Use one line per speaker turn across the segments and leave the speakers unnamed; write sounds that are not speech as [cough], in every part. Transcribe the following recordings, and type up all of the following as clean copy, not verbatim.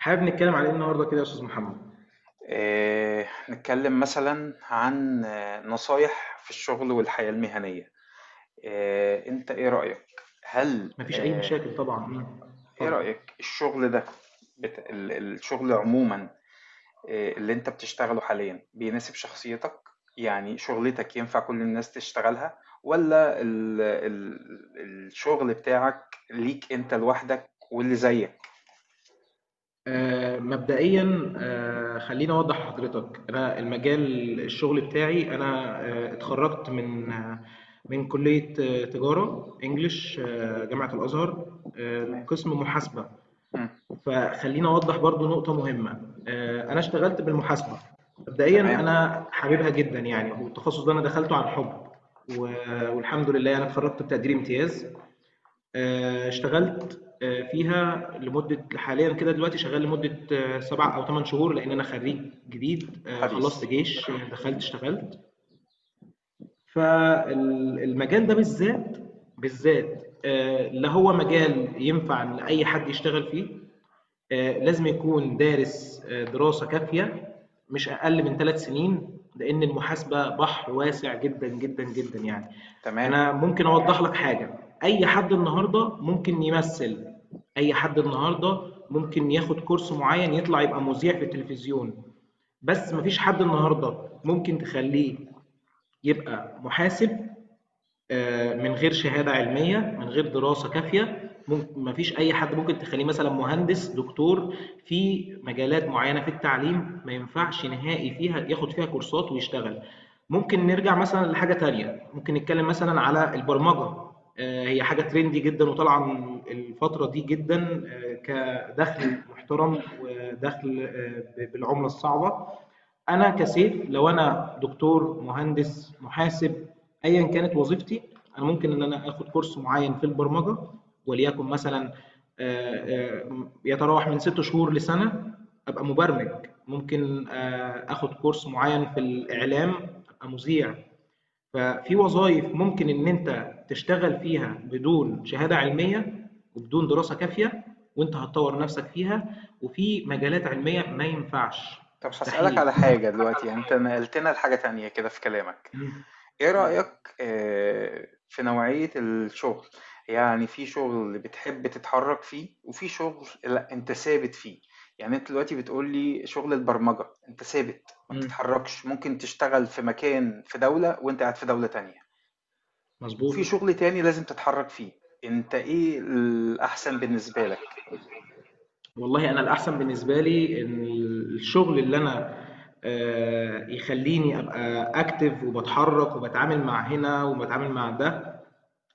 حابب نتكلم على ايه النهارده كده يا استاذ محمد.
نتكلم مثلا عن نصايح في الشغل والحياة المهنية. انت ايه رأيك؟ هل
مفيش اي
آه،
مشاكل طبعا.
ايه
اتفضل.
رأيك الشغل ده، الشغل عموما. اللي انت بتشتغله حاليا بيناسب شخصيتك؟ يعني شغلتك ينفع كل الناس تشتغلها، ولا الشغل بتاعك ليك انت لوحدك واللي زيك؟
مبدئيا، خليني اوضح لحضرتك. انا المجال الشغل بتاعي انا، اتخرجت من من كلية تجارة انجليش، جامعة الازهر،
تمام.
قسم محاسبة.
مم.
فخليني اوضح برضو نقطة مهمة. انا اشتغلت بالمحاسبة مبدئيا،
تمام.
انا حاببها جدا يعني، والتخصص ده انا دخلته عن حب. والحمد لله انا اتخرجت بتقدير امتياز. اشتغلت فيها لمدة، حاليا كده دلوقتي شغال لمدة سبع أو ثمان شهور، لأن أنا خريج جديد.
حديث.
خلصت جيش، دخلت اشتغلت فالمجال ده بالذات. بالذات لا هو مجال ينفع لأي حد يشتغل فيه. لازم يكون دارس دراسه كافيه، مش اقل من ثلاث سنين، لان المحاسبه بحر واسع جدا جدا جدا يعني.
تمام.
انا ممكن اوضح لك حاجه. اي حد النهارده ممكن يمثل. اي حد النهارده ممكن ياخد كورس معين يطلع يبقى مذيع في التلفزيون، بس مفيش حد النهارده ممكن تخليه يبقى محاسب من غير شهاده علميه، من غير دراسه كافيه. ممكن ما فيش اي حد ممكن تخليه مثلا مهندس دكتور. في مجالات معينه في التعليم ما ينفعش نهائي فيها ياخد فيها كورسات ويشتغل. ممكن نرجع مثلا لحاجه تانية، ممكن نتكلم مثلا على البرمجه. هي حاجه ترندي جدا وطالعه الفتره دي جدا، كدخل محترم ودخل بالعمله الصعبه. انا كسيف، لو انا دكتور مهندس محاسب ايا كانت وظيفتي، انا ممكن ان انا اخد كورس معين في البرمجه، وليكن مثلا يتراوح من ست شهور لسنه، ابقى مبرمج. ممكن اخد كورس معين في الاعلام، ابقى مذيع. ففي وظائف ممكن ان انت تشتغل فيها بدون شهاده علميه وبدون دراسه كافيه، وانت هتطور نفسك فيها، وفي مجالات علميه ما ينفعش،
طب هسألك
مستحيل.
على حاجة دلوقتي، يعني انت نقلتنا لحاجة تانية كده في كلامك. ايه
إمم،
رأيك في نوعية الشغل؟ يعني في شغل اللي بتحب تتحرك فيه، وفي شغل لا انت ثابت فيه. يعني انت دلوقتي بتقولي شغل البرمجة انت ثابت، ما
إمم،
بتتحركش، ممكن تشتغل في مكان في دولة وانت قاعد في دولة تانية. وفي
مضبوط.
شغل تاني لازم تتحرك فيه. انت ايه الأحسن بالنسبة لك؟
والله أنا الأحسن بالنسبة لي إن الشغل اللي أنا يخلّيني أبقى active، وباتحرك وباتعامل مع هنا وباتعامل مع ده،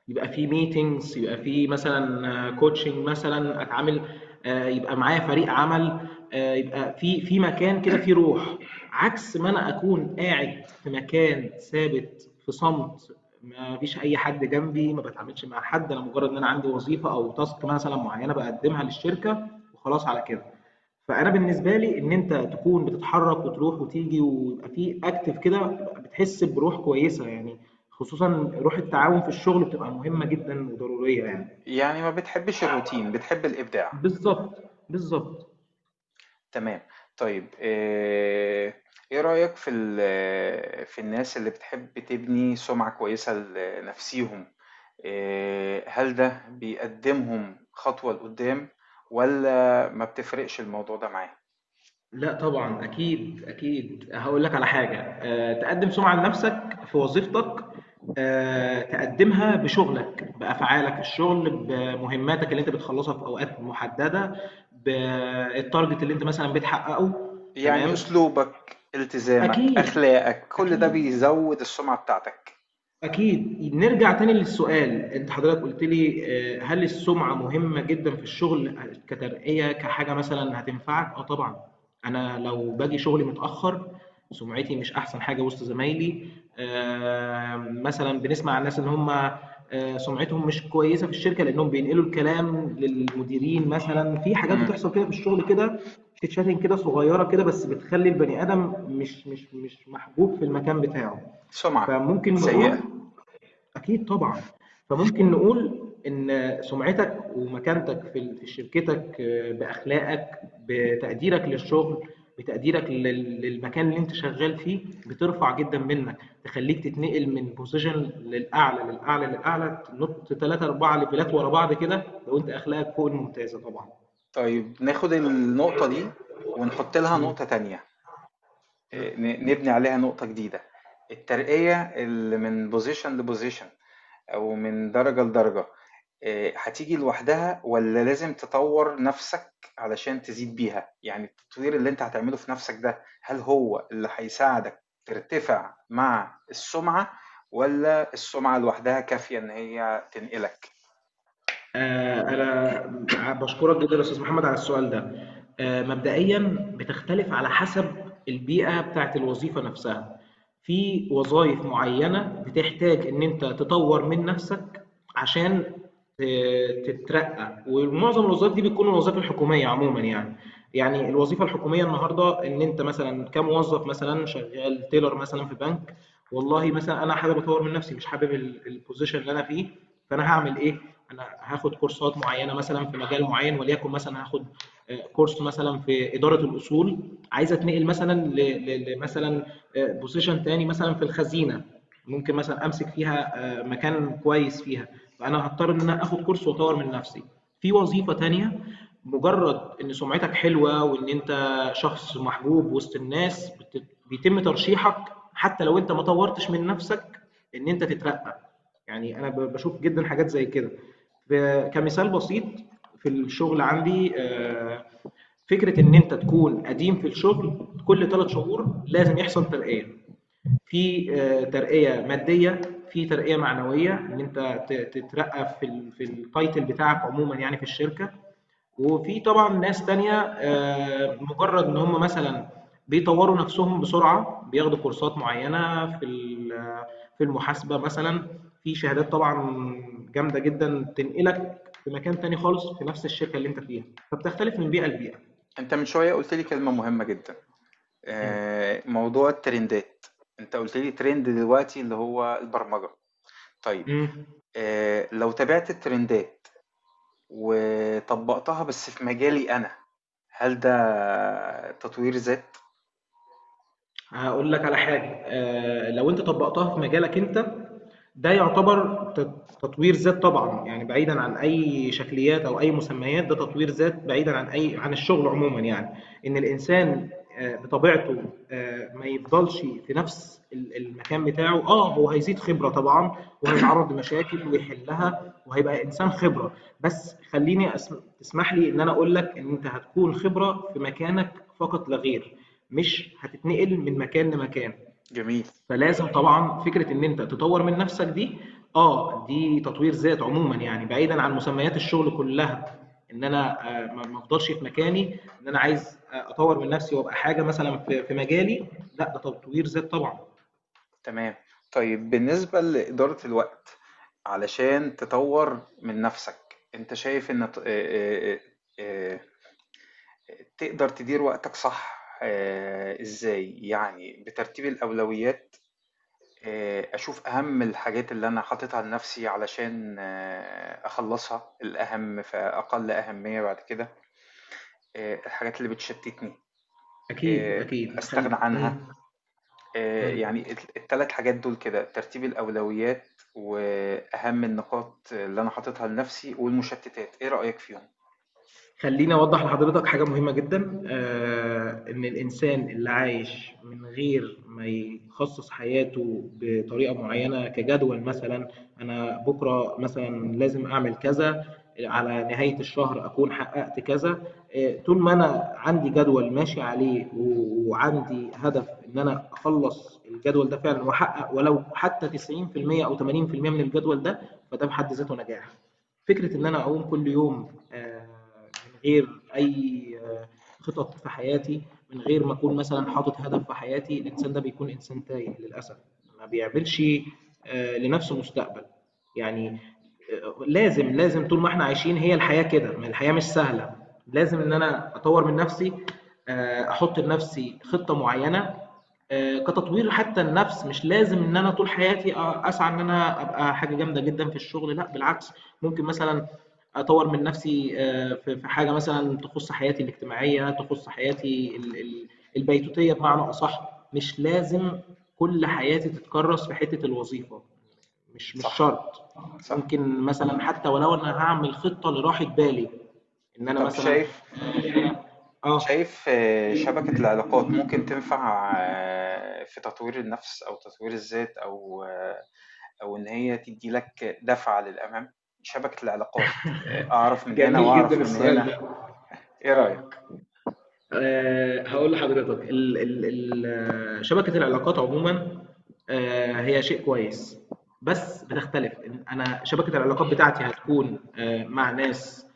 يبقى في meetings، يبقى في مثلًا coaching مثلًا أتعامل، يبقى معايا فريق عمل، يبقى في مكان كده فيه روح، عكس ما أنا أكون قاعد في مكان ثابت في صمت، ما فيش أي حد جنبي، ما باتعاملش مع حد، أنا مجرد إن أنا عندي وظيفة أو task مثلًا معينة باقدمها للشركة وخلاص على كده. فانا بالنسبه لي ان انت تكون بتتحرك وتروح وتيجي ويبقى في اكتف كده، بتحس بروح كويسه يعني. خصوصا روح التعاون في الشغل بتبقى مهمه جدا وضروريه يعني.
يعني ما بتحبش الروتين، بتحب الإبداع؟
بالظبط بالظبط.
تمام. طيب إيه رأيك في في الناس اللي بتحب تبني سُمعة كويسة لنَفْسيهم، هل ده بيقدّمهم خطوة لقدّام، والّا ما بتفرقش الموضوع ده معاه؟
لا طبعا، اكيد اكيد. هقول لك على حاجه، أه، تقدم سمعه لنفسك في وظيفتك. أه تقدمها بشغلك، بافعالك في الشغل، بمهماتك اللي انت بتخلصها في اوقات محدده، بالتارجت اللي انت مثلا بتحققه.
يعني
تمام،
أسلوبك، التزامك،
اكيد.
أخلاقك، كل ده
أكيد،
بيزوّد السُمعة بتاعتك.
أكيد. نرجع تاني للسؤال، أنت حضرتك قُلت لي هل السُمعة مهمة جدًا في الشغل كترقية، كحاجة مثلًا هتنفعك؟ آه طبعًا. أنا لو باجي شغلي متأخّر، سُمعتي مش أحسن حاجة وسط زمايلي. مثلًا بنسمع عن الناس إن هم سُمعتهم مش كويسة في الشركة لإنّهم بينقلوا الكلام للمديرين مثلًا. في حاجات
إمم،
بتحصل كده في الشغل كده، chit chatting كده صغيّرة كده، بس بتخلّي البني آدم مش محبوب في المكان بتاعه.
سُمعة
فممكن
سيئة.
نقول، اكيد طبعا. فممكن نقول ان سمعتك ومكانتك في شركتك، باخلاقك، بتقديرك للشغل، بتقديرك للمكان اللي انت شغال فيه، بترفع جدا منك، تخليك تتنقل من بوزيشن للاعلى، تنط 3 4 ليفلات ورا بعض كده، لو انت اخلاقك فوق الممتازه طبعا.
طيب ناخُد النقطة دي ونحُط لها
مم.
نقطة تانية.
مم.
نبني عليها نقطة جديدة. الترقية اللي من بوزيشن لبوزيشن، أو من درجة لدرجة، هتيجي لوحدها ولا لازم تطور نفسك علشان تزيد بيها؟ يعني التطوير اللي انت هتعمله في نفسك ده، هل هو اللي هيساعدك ترتفع مع السمعة، ولا السمعة لوحدها كافية ان هي تنقلك؟
أنا بشكرك جدا يا أستاذ محمد على السؤال ده. مبدئيا بتختلف على حسب البيئة بتاعت الوظيفة نفسها. في وظائف معينة بتحتاج إن أنت تطور من نفسك عشان تترقى، ومعظم الوظائف دي بتكون الوظائف الحكومية عموما يعني. يعني الوظيفة الحكومية النهاردة، إن أنت مثلا كموظف مثلا شغال تيلر مثلا في بنك، والله مثلا أنا حابب أطور من نفسي، مش حابب البوزيشن اللي أنا فيه، فأنا هعمل إيه؟ انا هاخد كورسات معينه مثلا في مجال معين، وليكن مثلا هاخد كورس مثلا في اداره الاصول. عايز اتنقل مثلا لمثلا بوزيشن تاني مثلا في الخزينه، ممكن مثلا امسك فيها مكان كويس فيها. فانا هضطر ان انا اخد كورس واطور من نفسي في وظيفه تانيه. مجرد ان سمعتك حلوه وان انت شخص محبوب وسط الناس، بيتم ترشيحك حتى لو انت ما طورتش من نفسك، ان انت تترقى. يعني انا بشوف جدا حاجات زي كده. كمثال بسيط، في الشغل عندي فكره ان انت تكون قديم في الشغل، كل ثلاث شهور لازم يحصل ترقيه، في ترقيه ماديه، في ترقيه معنويه، ان انت تترقى في في التايتل بتاعك عموما يعني في الشركه. وفي طبعًا ناس تانية مجرّد إن هم مثلًا بيطوّروا نَفْسهم بسرعة، بياخدوا كورسات معيّنة في في المحاسبة مثلًا، في شهادات طبعًا جامدة جدًا تنقلك في مكان تاني خالص في نَفْس الشركة اللي أنت فيها. فبتختلف من بيئة لبيئة.
انت من شوية قلت لي كلمة مهمة جدا،
إمم.
موضوع الترندات. انت قلت لي ترند دلوقتي اللي هو البرمجة. طيب،
إمم.
لو تابعت الترندات وطبّقتها بس في مجالي أنا، هل ده تطوير ذات؟
هاقول لك على حاجة، لو أنت طبّقتها في مجالك أنت، ده يعتبر تطوير ذات طبعًا. يعني بعيدًا عن أي شكليات أو أي مسميات، ده تطوير ذات بعيدًا عن أي، عن الشغل عمومًا يعني. إن الإنسان بطبيعته ما يفضلش في نفس المكان بتاعه، آه هو هيزيد خبرة طبعًا، وهيتعرّض لمشاكل ويحلّها، وهيبقى إنسان خبرة. بس خلّيني أس تسمح لي إن أنا أقول لك إن أنت هتكون خبرة في مكانك فقط لا غير. مش هتتنقل من مكان لمكان.
جميل.
فلازم طبعا فكره ان انت تطور من نفسك دي، اه دي تطوير ذات عموما يعني، بعيدا عن مسميات الشغل كلها. ان انا ما ما افضلش في مكاني، ان انا عايز اطور من نفسي وابقى حاجه مثلا في في مجالي، لا ده تطوير ذات طبعا.
تمام. طيب، بالنسبة لإدارة الوقت، علشان تطوّر من نَفْسك، أنت شايف إن ت آآ آآ تقدر تدير وقتك صح إزاي؟ يعني بترتيب الأولويات، أشوف أهَم الحاجات اللي أنا حاططها لنَفْسي علشان أخلّصها، الأهَم فأقل أهمية بعد كده. الحاجات اللي بتشتتني
اكيد
آه،
اكيد
استغنى عنها.
مم.
يعني الثلاث حاجات دول كده: ترتيب الأولويات وأهم النقاط اللي أنا حاططها لنفسي والمشتتات. إيه رأيك فيهم؟
خليني اوضح لحضرتك حاجه مهمه جدا. ان الانسان اللي عايش من غير ما يخصص حياته بطريقه معينه كجدول مثلا، انا بكره مثلا لازم اعمل كذا، على نهايه الشهر اكون حققت كذا. طول ما انا عندي جدول ماشي عليه وعندي هدف ان انا اخلص الجدول ده فعلا، واحقق ولو حتى 90% او 80% من الجدول ده، فده بحد ذاته نجاح. فكرة إن أنا أقوم كل يوم من غير أي خطط في حياتي، من غير ما أكون مثلًا حاطط هدف في حياتي، الإنسان ده بيكون إنسان تايه للأسف. ما بيعملش لنفسه مستقبل. يعني لازم، لازم طول ما إحنا عايشين، هي الحياة كده، ما الحياة مش سهلة. لازم إن أنا أطور من نفسي، أحط لنفسي خطة معينة كتطوير. حتى النفس مش لازم ان انا طول حياتي اسعى ان انا ابقى حاجه جامده جدا في الشغل، لا بالعكس. ممكن مثلا اطور من نفسي في في حاجه مثلا تخص حياتي الاجتماعيه، تخص حياتي البيتوتيه بمعنى اصح. مش لازم كل حياتي تتكرس في حته الوظيفه، مش مش
صح،
شرط.
صح.
ممكن مثلا حتى ولو انا هعمل خطه لراحه بالي، ان انا
طب
مثلا
شايف
اه.
شايف شبكة العلاقات ممكن تنفع في تطوير النفس أو تطوير الذات، أو إن هي تدي لك دفعة للأمام؟ شبكة العلاقات. أعرف من هنا
جميل جدا
وأعرف من
السؤال
هنا.
ده.
إيه
اه،
رأيك؟
هقول لحضرتك ال ال ال شبكة العلاقات عموما، هي شيء كويس، بس بتختلف. انا شبكة العلاقات بتاعتي هتكون مع ناس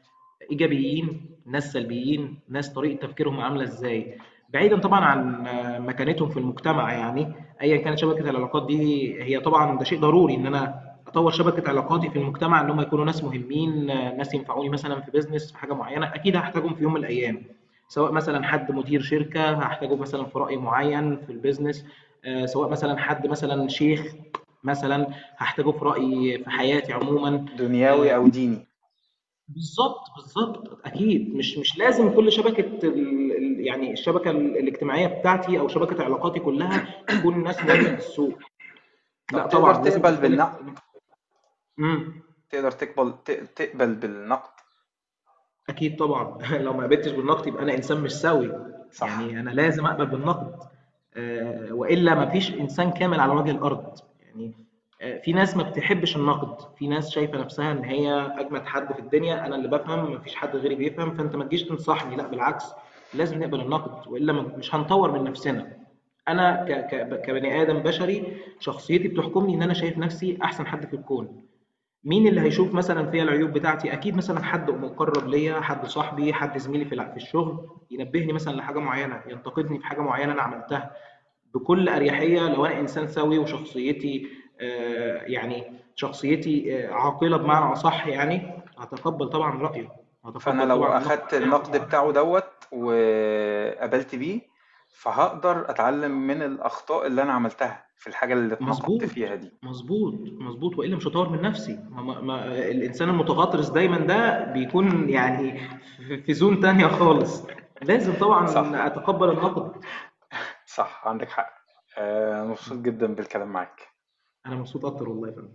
ايجابيين، ناس سلبيين، ناس طريقه تفكيرهم عامله ازاي، بعيدا طبعا عن مكانتهم في المجتمع يعني. ايا كانت شبكه العلاقات دي، هي طبعا ده شيء ضروري ان انا اطور شبكه علاقاتي في المجتمع، ان هم يكونوا ناس مهمين، ناس ينفعوني مثلا في بيزنس، في حاجه معينه اكيد هحتاجهم في يوم من الايام. سواء مثلا حد مدير شركه هحتاجه مثلا في راي معين في البيزنس، سواء مثلا حد مثلا شيخ مثلا هحتاجه في راي في حياتي عموما.
دنياوي
آه،
أو ديني.
بالظبط بالظبط. اكيد مش مش لازم كل شبكه يعني الشبكه الاجتماعيه بتاعتي او شبكه علاقاتي كلها تكون ناس مهمه في
[clears throat] [coughs]
السوق.
طب
لا
تقدر
طبعا لازم
تقبل
تختلف.
بالنقد؟
امم
تقدر تقبل تقبل بالنقد؟
أكيد طبعًا [laughs] لو ما قبلتش بالنقد يبقى أنا إنسان مش سوي.
صح.
يعني أنا لازم أقبل بالنقد، وإلا ما فيش إنسان كامل على وجه الأرض. يعني في ناس ما بتحبش النقد، في ناس شايفة نفسها إن هي أجمد حد في الدنيا، أنا اللي بافهم ما فيش حد غيري بيفهم، فأنت ما تجيش تنصحني، لأ بالعكس، لازم نقبل النقد، وإلا مش هنطوّر من نفسنا. أنا ك ك كبني آدم بشري شخصيتي بتحكمني إن أنا شايف نفسي أحسن حد في الكون. مين اللي هيشوف مثلًا فيّا العيوب بتاعتي؟ أكيد مثلًا حد مُقرّب ليّا، حد صاحبي، حد زميلي في في الشغل، ينبّهني مثلًا لحاجة معيّنة، ينتقدني في حاجة معيّنة أنا عملتها بكل أريحية لو أنا إنسان سوي وشخصيتي يعني شخصيتي عاقلة بمعنى أصح يعني، هاتقبّل طبعًا رأيه،
فانا
هاتقبّل
لو
طبعًا النقد
اخدت
بتاعه.
النقد بتاعه دوت وقبلت بيه، فهقدر اتعلم من الاخطاء اللي انا عملتها في الحاجة اللي اتنقدت
مضبوط،
فيها دي.
مضبوط، مضبوط، وإلا مش هاطوّر من نفسي. ما ما ما الإنسان المتغطرس دايمًا ده بيكون يعني في في zone تانية خالص. لازم
صح،
طبعًا أتقبّل النقد.
صح، عندك حق. مبسوط جدا بالكلام معاك.
أنا مبسوط أكتر والله يا فندم.